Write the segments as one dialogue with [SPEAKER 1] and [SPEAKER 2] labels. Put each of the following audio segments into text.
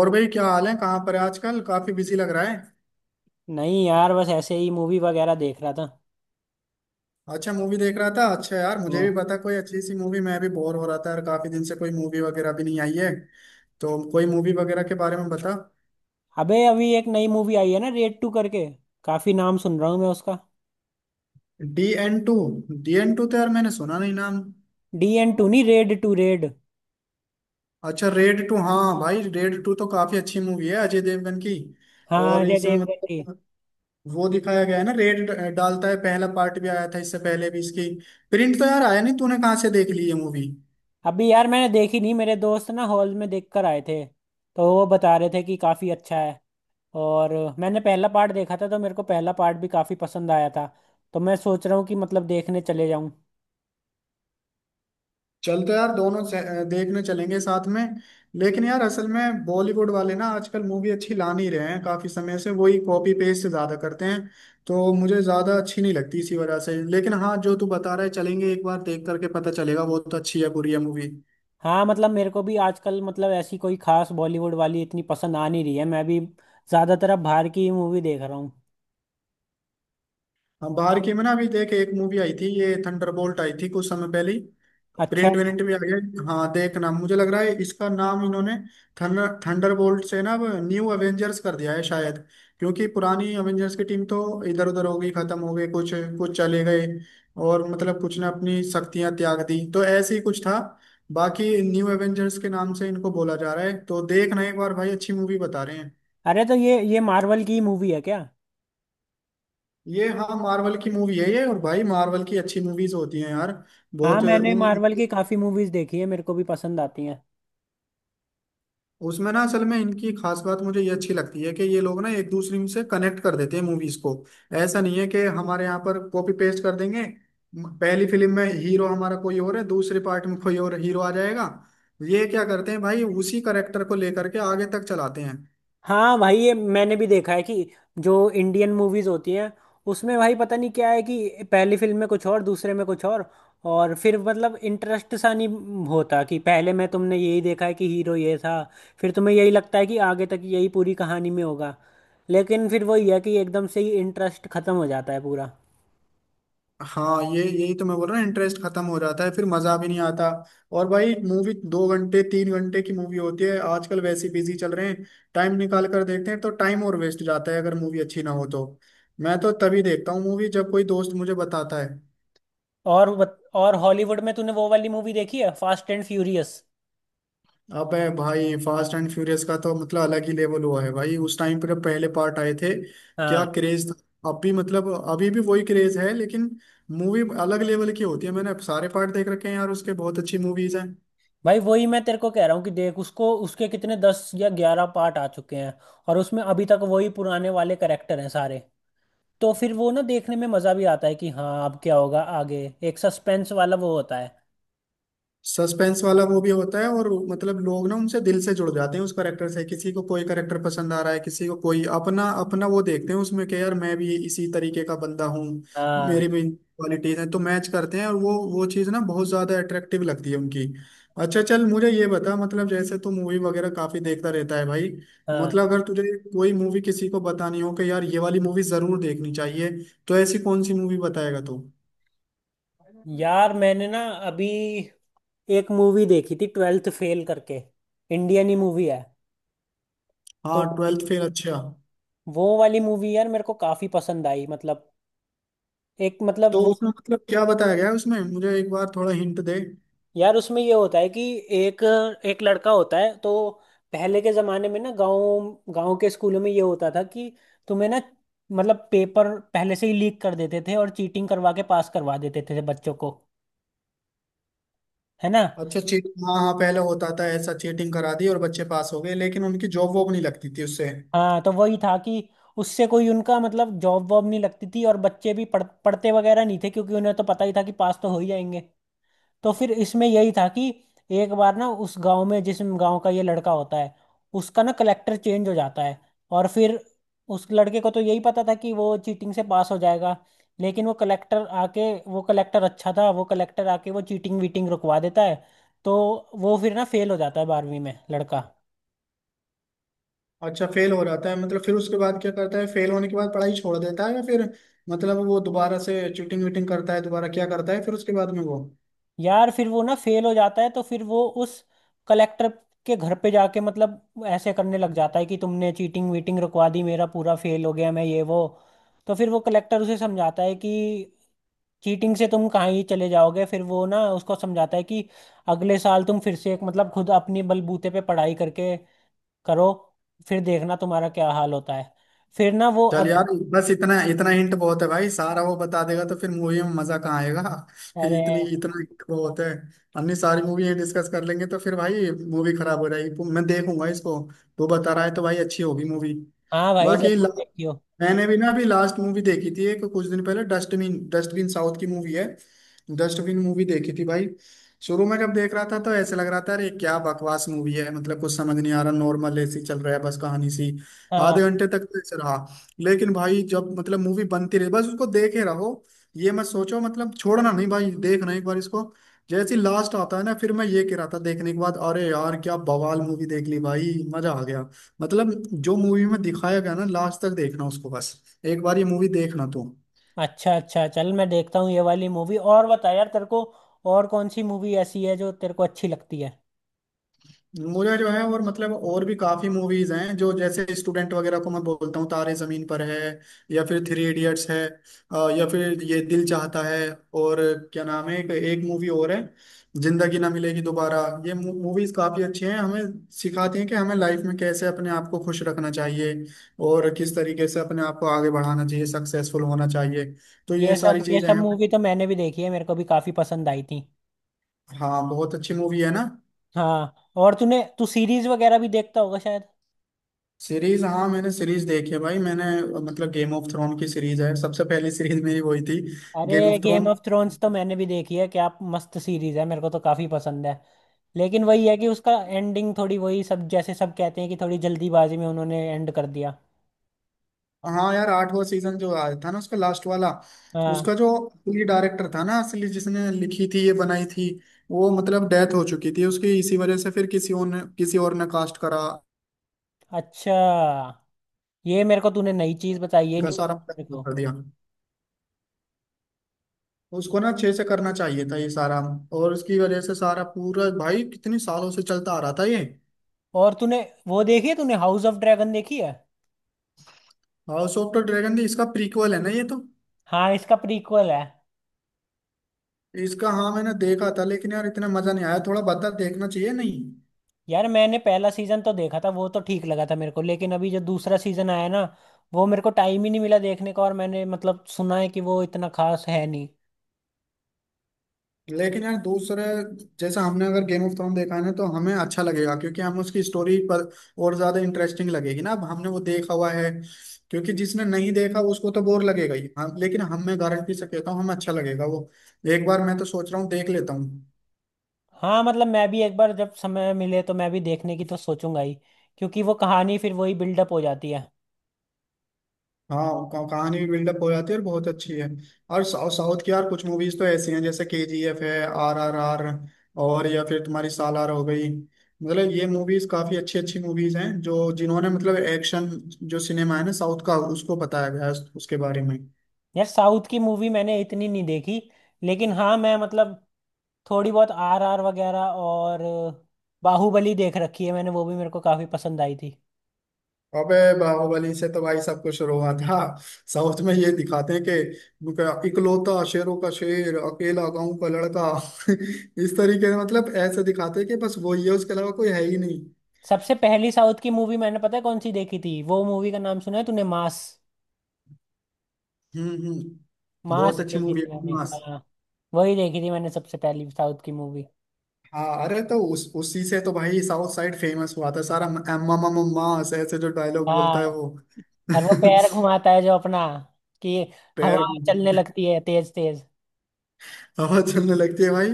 [SPEAKER 1] और भाई, क्या हाल है? कहाँ पर है आजकल? काफी बिजी लग रहा है।
[SPEAKER 2] नहीं यार, बस ऐसे ही मूवी वगैरह देख रहा था।
[SPEAKER 1] अच्छा, मूवी देख रहा था। अच्छा यार, मुझे
[SPEAKER 2] वो,
[SPEAKER 1] भी बता कोई अच्छी सी मूवी, मैं भी बोर हो रहा था यार, काफी दिन से कोई मूवी वगैरह भी नहीं आई है। तो कोई मूवी वगैरह के बारे में बता।
[SPEAKER 2] अबे अभी एक नई मूवी आई है ना, रेड टू करके। काफी नाम सुन रहा हूँ मैं उसका।
[SPEAKER 1] DN2? DN2 तो यार मैंने सुना नहीं नाम।
[SPEAKER 2] डी एन टू नहीं, रेड टू, रेड।
[SPEAKER 1] अच्छा, रेड टू, हाँ भाई, रेड टू तो काफी अच्छी मूवी है अजय देवगन की।
[SPEAKER 2] हाँ,
[SPEAKER 1] और
[SPEAKER 2] अजय
[SPEAKER 1] इसमें
[SPEAKER 2] देवगन की।
[SPEAKER 1] मतलब वो दिखाया गया है ना, रेड डालता है। पहला पार्ट भी आया था इससे पहले भी इसकी। प्रिंट तो यार आया नहीं, तूने कहाँ से देख ली ये मूवी?
[SPEAKER 2] अभी यार मैंने देखी नहीं, मेरे दोस्त ना हॉल में देख कर आए थे तो वो बता रहे थे कि काफी अच्छा है। और मैंने पहला पार्ट देखा था तो मेरे को पहला पार्ट भी काफी पसंद आया था। तो मैं सोच रहा हूँ कि मतलब देखने चले जाऊँ।
[SPEAKER 1] चल तो यार, देखने चलेंगे साथ में। लेकिन यार असल में बॉलीवुड वाले ना आजकल मूवी अच्छी ला नहीं रहे हैं, काफी समय से वही कॉपी पेस्ट ज्यादा करते हैं। तो मुझे ज्यादा अच्छी नहीं लगती इसी वजह से। लेकिन हाँ, जो तू बता रहा है चलेंगे एक बार, देख करके पता चलेगा वो तो अच्छी है बुरी है मूवी।
[SPEAKER 2] हाँ मतलब मेरे को भी आजकल मतलब ऐसी कोई खास बॉलीवुड वाली इतनी पसंद आ नहीं रही है। मैं भी ज्यादातर अब बाहर की ही मूवी देख रहा हूँ।
[SPEAKER 1] हाँ, बाहर की में ना अभी देख, एक मूवी आई थी ये थंडरबोल्ट, आई थी कुछ समय पहले।
[SPEAKER 2] अच्छा,
[SPEAKER 1] प्रिंट विंट भी आ गया। हाँ देखना, मुझे लग रहा है इसका नाम इन्होंने थंडरबोल्ट से ना अब न्यू एवेंजर्स कर दिया है शायद। क्योंकि पुरानी एवेंजर्स की टीम तो इधर उधर हो गई, खत्म हो गई कुछ, कुछ चले गए। और मतलब कुछ ने अपनी शक्तियां त्याग दी, तो ऐसे ही कुछ था। बाकी न्यू एवेंजर्स के नाम से इनको बोला जा रहा है, तो देखना एक बार भाई, अच्छी मूवी बता रहे हैं।
[SPEAKER 2] अरे तो ये मार्वल की मूवी है क्या?
[SPEAKER 1] ये हाँ, मार्वल की मूवी है ये। और भाई मार्वल की अच्छी मूवीज होती हैं यार।
[SPEAKER 2] हाँ
[SPEAKER 1] बहुत
[SPEAKER 2] मैंने
[SPEAKER 1] उन
[SPEAKER 2] मार्वल की काफी मूवीज देखी है, मेरे को भी पसंद आती हैं।
[SPEAKER 1] उसमें ना असल में इनकी खास बात मुझे ये अच्छी लगती है कि ये लोग ना एक दूसरे से कनेक्ट कर देते हैं मूवीज को। ऐसा नहीं है कि हमारे यहाँ पर कॉपी पेस्ट कर देंगे। पहली फिल्म में हीरो हमारा कोई और है, दूसरे पार्ट में कोई और हीरो आ जाएगा। ये क्या करते हैं भाई, उसी करेक्टर को लेकर के आगे तक चलाते हैं।
[SPEAKER 2] हाँ भाई ये मैंने भी देखा है कि जो इंडियन मूवीज होती हैं, उसमें भाई पता नहीं क्या है कि पहली फिल्म में कुछ और दूसरे में कुछ और। और फिर मतलब इंटरेस्ट सा नहीं होता। कि पहले में तुमने यही देखा है कि हीरो ये था, फिर तुम्हें यही लगता है कि आगे तक यही पूरी कहानी में होगा। लेकिन फिर वही है कि एकदम से ही इंटरेस्ट खत्म हो जाता है पूरा।
[SPEAKER 1] हाँ, ये यही तो मैं बोल रहा हूँ, इंटरेस्ट खत्म हो जाता है फिर मजा भी नहीं आता। और भाई मूवी 2 घंटे 3 घंटे की मूवी होती है, आजकल वैसे बिजी चल रहे हैं। टाइम निकाल कर देखते हैं तो टाइम और वेस्ट जाता है अगर मूवी अच्छी ना हो तो। मैं तो तभी देखता हूँ मूवी जब कोई दोस्त मुझे बताता है।
[SPEAKER 2] और हॉलीवुड में तूने वो वाली मूवी देखी है, फास्ट एंड फ्यूरियस?
[SPEAKER 1] अबे भाई, फास्ट एंड फ्यूरियस का तो मतलब अलग ही लेवल हुआ है भाई, उस टाइम पर जब पहले पार्ट आए थे। क्या
[SPEAKER 2] हाँ
[SPEAKER 1] क्रेज था। अब भी मतलब अभी भी वही क्रेज है, लेकिन मूवी अलग लेवल की होती है, मैंने सारे पार्ट देख रखे हैं यार उसके, बहुत अच्छी मूवीज हैं।
[SPEAKER 2] भाई, वही मैं तेरे को कह रहा हूँ कि देख उसको, उसके कितने 10 या 11 पार्ट आ चुके हैं। और उसमें अभी तक वही पुराने वाले करेक्टर हैं सारे। तो फिर वो ना देखने में मजा भी आता है कि हाँ अब क्या होगा आगे। एक सस्पेंस वाला वो होता है।
[SPEAKER 1] सस्पेंस वाला वो भी होता है, और मतलब लोग ना उनसे दिल से जुड़ जाते हैं उस करेक्टर से, किसी को कोई करेक्टर पसंद आ रहा है, किसी को कोई, अपना अपना वो देखते हैं उसमें कि यार मैं भी इसी तरीके का बंदा हूँ।
[SPEAKER 2] हाँ।
[SPEAKER 1] मेरी भी क्वालिटीज हैं तो मैच करते हैं, और वो चीज़ ना बहुत ज्यादा अट्रैक्टिव लगती है उनकी। अच्छा चल, मुझे ये बता, मतलब जैसे तू मूवी वगैरह काफी देखता रहता है भाई।
[SPEAKER 2] हाँ
[SPEAKER 1] मतलब अगर तुझे कोई मूवी किसी को बतानी हो कि यार ये वाली मूवी जरूर देखनी चाहिए, तो ऐसी कौन सी मूवी बताएगा तू?
[SPEAKER 2] यार, मैंने ना अभी एक मूवी देखी थी, ट्वेल्थ फेल करके। इंडियन ही मूवी है। तो
[SPEAKER 1] हाँ, ट्वेल्थ फेल, अच्छा।
[SPEAKER 2] वो वाली मूवी यार मेरे को काफी पसंद आई, मतलब एक मतलब
[SPEAKER 1] तो
[SPEAKER 2] वो।
[SPEAKER 1] उसमें मतलब क्या बताया गया है उसमें, मुझे एक बार थोड़ा हिंट दे।
[SPEAKER 2] यार उसमें ये होता है कि एक एक लड़का होता है। तो पहले के जमाने में ना, गांव गांव के स्कूलों में ये होता था कि तुम्हें ना, मतलब पेपर पहले से ही लीक कर देते थे, और चीटिंग करवा के पास करवा देते थे बच्चों को, है ना।
[SPEAKER 1] अच्छा चीट, हाँ हाँ, पहले होता था ऐसा, चीटिंग करा दी और बच्चे पास हो गए लेकिन उनकी जॉब वॉब नहीं लगती थी उससे।
[SPEAKER 2] हाँ तो वही था कि उससे कोई उनका मतलब जॉब वॉब नहीं लगती थी, और बच्चे भी पढ़ पढ़ते वगैरह नहीं थे क्योंकि उन्हें तो पता ही था कि पास तो हो ही जाएंगे। तो फिर इसमें यही था कि एक बार ना उस गांव में, जिस गांव का ये लड़का होता है, उसका ना कलेक्टर चेंज हो जाता है। और फिर उस लड़के को तो यही पता था कि वो चीटिंग से पास हो जाएगा। लेकिन वो कलेक्टर आके, वो कलेक्टर अच्छा था, वो कलेक्टर आके वो चीटिंग वीटिंग रुकवा देता है। तो वो फिर ना फेल हो जाता है बारहवीं में लड़का।
[SPEAKER 1] अच्छा, फेल हो जाता है मतलब? फिर उसके बाद क्या करता है, फेल होने के बाद पढ़ाई छोड़ देता है या फिर, मतलब वो दोबारा से चीटिंग वीटिंग करता है दोबारा, क्या करता है फिर उसके बाद में वो?
[SPEAKER 2] यार फिर वो ना फेल हो जाता है तो फिर वो उस कलेक्टर के घर पे जाके मतलब ऐसे करने लग जाता है कि तुमने चीटिंग वीटिंग रुकवा दी, मेरा पूरा फेल हो गया, मैं ये वो। तो फिर वो कलेक्टर उसे समझाता है कि चीटिंग से तुम कहाँ ही चले जाओगे। फिर वो ना उसको समझाता है कि अगले साल तुम फिर से एक मतलब खुद अपनी बलबूते पे पढ़ाई करके करो, फिर देखना तुम्हारा क्या हाल होता है। फिर ना वो
[SPEAKER 1] चल यार,
[SPEAKER 2] अगले,
[SPEAKER 1] बस इतना इतना हिंट बहुत है भाई, सारा वो बता देगा तो फिर मूवी में मजा कहाँ आएगा।
[SPEAKER 2] अरे,
[SPEAKER 1] इतनी इतना हिंट बहुत है। अन्य सारी मूवी डिस्कस कर लेंगे तो फिर भाई मूवी खराब हो जाएगी, मैं देखूंगा इसको। तू बता रहा है तो भाई अच्छी होगी मूवी।
[SPEAKER 2] हाँ भाई
[SPEAKER 1] बाकी
[SPEAKER 2] जरूर देखियो।
[SPEAKER 1] मैंने भी ना अभी लास्ट मूवी देखी थी एक कुछ दिन पहले, डस्टबिन, डस्टबिन साउथ की मूवी है। डस्टबिन मूवी देखी थी भाई। शुरू में जब देख रहा था तो ऐसे लग रहा था, अरे क्या बकवास मूवी है, मतलब कुछ समझ नहीं आ रहा, नॉर्मल ऐसी चल रहा है बस कहानी सी।
[SPEAKER 2] हाँ,
[SPEAKER 1] आधे घंटे तक तो ऐसे रहा। लेकिन भाई जब मतलब मूवी बनती रही, बस उसको देखे रहो। ये मत सोचो मतलब, छोड़ना नहीं भाई, देखना एक बार इसको। जैसे लास्ट आता है ना, फिर मैं ये कह रहा था देखने के बाद, अरे यार क्या बवाल मूवी देख ली भाई, मजा आ गया। मतलब जो मूवी में दिखाया गया ना, लास्ट तक देखना उसको बस। एक बार ये मूवी देखना तुम।
[SPEAKER 2] अच्छा अच्छा, चल मैं देखता हूँ ये वाली मूवी। और बता यार तेरे को और कौन सी मूवी ऐसी है जो तेरे को अच्छी लगती है।
[SPEAKER 1] मुझे जो है, और मतलब और भी काफी मूवीज हैं जो जैसे स्टूडेंट वगैरह को मैं बोलता हूँ, तारे जमीन पर है। या फिर थ्री इडियट्स है। या फिर ये दिल चाहता है। और क्या नाम है, एक मूवी और है, जिंदगी ना मिलेगी दोबारा। ये मूवीज काफी अच्छी हैं, हमें सिखाती हैं कि हमें लाइफ में कैसे अपने आप को खुश रखना चाहिए, और किस तरीके से अपने आप को आगे बढ़ाना चाहिए, सक्सेसफुल होना चाहिए। तो ये
[SPEAKER 2] ये
[SPEAKER 1] सारी
[SPEAKER 2] सब, ये
[SPEAKER 1] चीजें
[SPEAKER 2] सब
[SPEAKER 1] हैं।
[SPEAKER 2] मूवी तो मैंने भी देखी है, मेरे को भी काफी पसंद आई थी।
[SPEAKER 1] हाँ, बहुत अच्छी मूवी है ना।
[SPEAKER 2] हाँ, और तूने, तू सीरीज वगैरह भी देखता होगा शायद।
[SPEAKER 1] सीरीज, हाँ मैंने सीरीज देखी है भाई, मैंने मतलब गेम ऑफ थ्रोन की सीरीज है, सबसे पहली सीरीज मेरी वही थी।
[SPEAKER 2] अरे
[SPEAKER 1] Game of
[SPEAKER 2] Game
[SPEAKER 1] Throne.
[SPEAKER 2] Of Thrones तो मैंने भी देखी है, क्या मस्त सीरीज है, मेरे को तो काफी पसंद है। लेकिन वही है कि उसका एंडिंग थोड़ी वही सब, जैसे सब कहते हैं कि थोड़ी जल्दीबाजी में उन्होंने एंड कर दिया।
[SPEAKER 1] हाँ यार, आठवां सीजन जो आया था ना उसका लास्ट वाला,
[SPEAKER 2] हाँ।
[SPEAKER 1] उसका जो असली डायरेक्टर था ना, असली जिसने लिखी थी, ये बनाई थी, वो मतलब डेथ हो चुकी थी उसकी, इसी वजह से फिर किसी और ने, किसी और ने कास्ट करा
[SPEAKER 2] अच्छा, ये मेरे को तूने नई चीज बताई, ये
[SPEAKER 1] का
[SPEAKER 2] नहीं पता
[SPEAKER 1] सारा
[SPEAKER 2] मेरे
[SPEAKER 1] production
[SPEAKER 2] को।
[SPEAKER 1] कर दिया। उसको ना अच्छे से करना चाहिए था ये सारा, और उसकी वजह से सारा पूरा भाई, कितने सालों से चलता आ रहा था ये।
[SPEAKER 2] और तूने वो देखी है तूने, हाउस ऑफ ड्रैगन देखी है?
[SPEAKER 1] हाउस ऑफ द ड्रैगन भी इसका प्रीक्वल है ना ये तो।
[SPEAKER 2] हाँ इसका प्रीक्वल है।
[SPEAKER 1] इसका, हाँ मैंने देखा था, लेकिन यार इतना मजा नहीं आया, थोड़ा बदला देखना चाहिए नहीं?
[SPEAKER 2] यार मैंने पहला सीजन तो देखा था, वो तो ठीक लगा था मेरे को, लेकिन अभी जो दूसरा सीजन आया ना, वो मेरे को टाइम ही नहीं मिला देखने का, और मैंने मतलब सुना है कि वो इतना खास है नहीं।
[SPEAKER 1] लेकिन यार दूसरे, जैसा हमने अगर गेम ऑफ थ्रोन देखा है ना तो हमें अच्छा लगेगा, क्योंकि हम उसकी स्टोरी पर और ज्यादा इंटरेस्टिंग लगेगी ना, अब हमने वो देखा हुआ है। क्योंकि जिसने नहीं देखा उसको तो बोर लगेगा ही, हाँ लेकिन हम मैं गारंटी से कहता हूँ हमें अच्छा लगेगा वो। एक बार मैं तो सोच रहा हूँ देख लेता हूँ।
[SPEAKER 2] हाँ मतलब मैं भी एक बार जब समय मिले तो मैं भी देखने की तो सोचूंगा ही, क्योंकि वो कहानी फिर वही बिल्डअप हो जाती है।
[SPEAKER 1] हाँ कहानी भी बिल्डअप हो जाती है और बहुत अच्छी है। और साउथ साउथ की यार, कुछ मूवीज तो ऐसी हैं जैसे KGF है, RRR, और या फिर तुम्हारी सालार हो गई, मतलब ये मूवीज काफी अच्छी अच्छी मूवीज हैं जो जिन्होंने मतलब एक्शन, जो सिनेमा है ना साउथ का उसको बताया गया है उसके बारे में।
[SPEAKER 2] यार साउथ की मूवी मैंने इतनी नहीं देखी, लेकिन हाँ मैं मतलब थोड़ी बहुत RRR वगैरह, और बाहुबली देख रखी है मैंने, वो भी मेरे को काफी पसंद आई थी।
[SPEAKER 1] अबे बाहुबली से तो भाई सब कुछ हुआ था। साउथ में ये दिखाते हैं कि इकलौता शेरों का शेर अकेला गांव का लड़का इस तरीके से मतलब ऐसे दिखाते हैं कि बस वो ही है, उसके अलावा कोई है ही नहीं।
[SPEAKER 2] सबसे पहली साउथ की मूवी मैंने पता है कौन सी देखी थी, वो मूवी का नाम सुना है तूने, मास?
[SPEAKER 1] हम्म,
[SPEAKER 2] मास
[SPEAKER 1] बहुत अच्छी
[SPEAKER 2] देखी
[SPEAKER 1] मूवी
[SPEAKER 2] थी
[SPEAKER 1] है
[SPEAKER 2] मैंने,
[SPEAKER 1] मास।
[SPEAKER 2] हाँ वही देखी थी मैंने सबसे पहली साउथ की मूवी।
[SPEAKER 1] हाँ अरे, तो उस उसी से तो भाई साउथ साइड फेमस हुआ था सारा, अम्मा मम्मा माँ, ऐसे ऐसे जो डायलॉग बोलता है
[SPEAKER 2] हाँ।
[SPEAKER 1] वो।
[SPEAKER 2] और वो पैर घुमाता है जो अपना, कि हवा
[SPEAKER 1] पैर
[SPEAKER 2] चलने
[SPEAKER 1] में
[SPEAKER 2] लगती है तेज तेज।
[SPEAKER 1] हवा चलने लगती है भाई।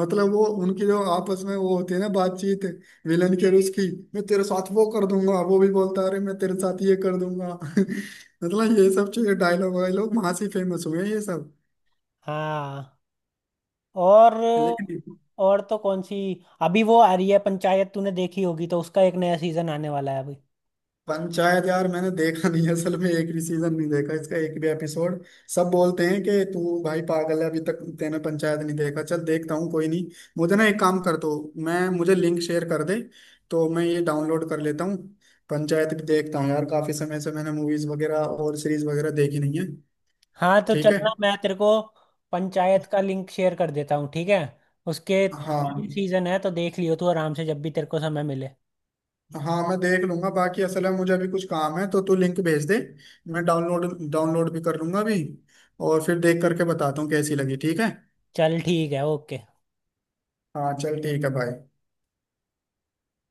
[SPEAKER 1] मतलब वो उनकी जो आपस में वो होती है ना बातचीत, विलन के और उसकी, मैं तेरे साथ वो कर दूंगा, वो भी बोलता है अरे मैं तेरे साथ ये कर दूंगा। मतलब ये सब चीजें डायलॉग वायलॉग वहां से फेमस हुए हैं ये सब।
[SPEAKER 2] हाँ। और
[SPEAKER 1] लेकिन
[SPEAKER 2] और तो कौन सी, अभी वो आ रही है पंचायत, तूने देखी होगी, तो उसका एक नया सीजन आने वाला है अभी।
[SPEAKER 1] पंचायत यार मैंने देखा नहीं है, असल में एक भी सीजन नहीं देखा इसका, एक भी एपिसोड। सब बोलते हैं कि तू भाई पागल है अभी तक तेने पंचायत नहीं देखा, चल देखता हूँ कोई नहीं। मुझे ना एक काम कर दो, मैं मुझे लिंक शेयर कर दे, तो मैं ये डाउनलोड कर लेता हूँ। पंचायत भी देखता हूँ यार, काफी समय से मैंने मूवीज वगैरह और सीरीज वगैरह देखी नहीं है।
[SPEAKER 2] हाँ तो
[SPEAKER 1] ठीक है।
[SPEAKER 2] चलना, मैं तेरे को पंचायत का लिंक शेयर कर देता हूँ, ठीक है। उसके
[SPEAKER 1] हाँ,
[SPEAKER 2] 3 सीजन है, तो देख लियो तू आराम से जब भी तेरे को समय मिले।
[SPEAKER 1] हाँ मैं देख लूंगा, बाकी असल में मुझे अभी कुछ काम है, तो तू लिंक भेज दे, मैं डाउनलोड डाउनलोड भी कर लूंगा अभी, और फिर देख करके बताता हूँ कैसी लगी, ठीक है।
[SPEAKER 2] चल ठीक है, ओके।
[SPEAKER 1] हाँ चल, ठीक है भाई।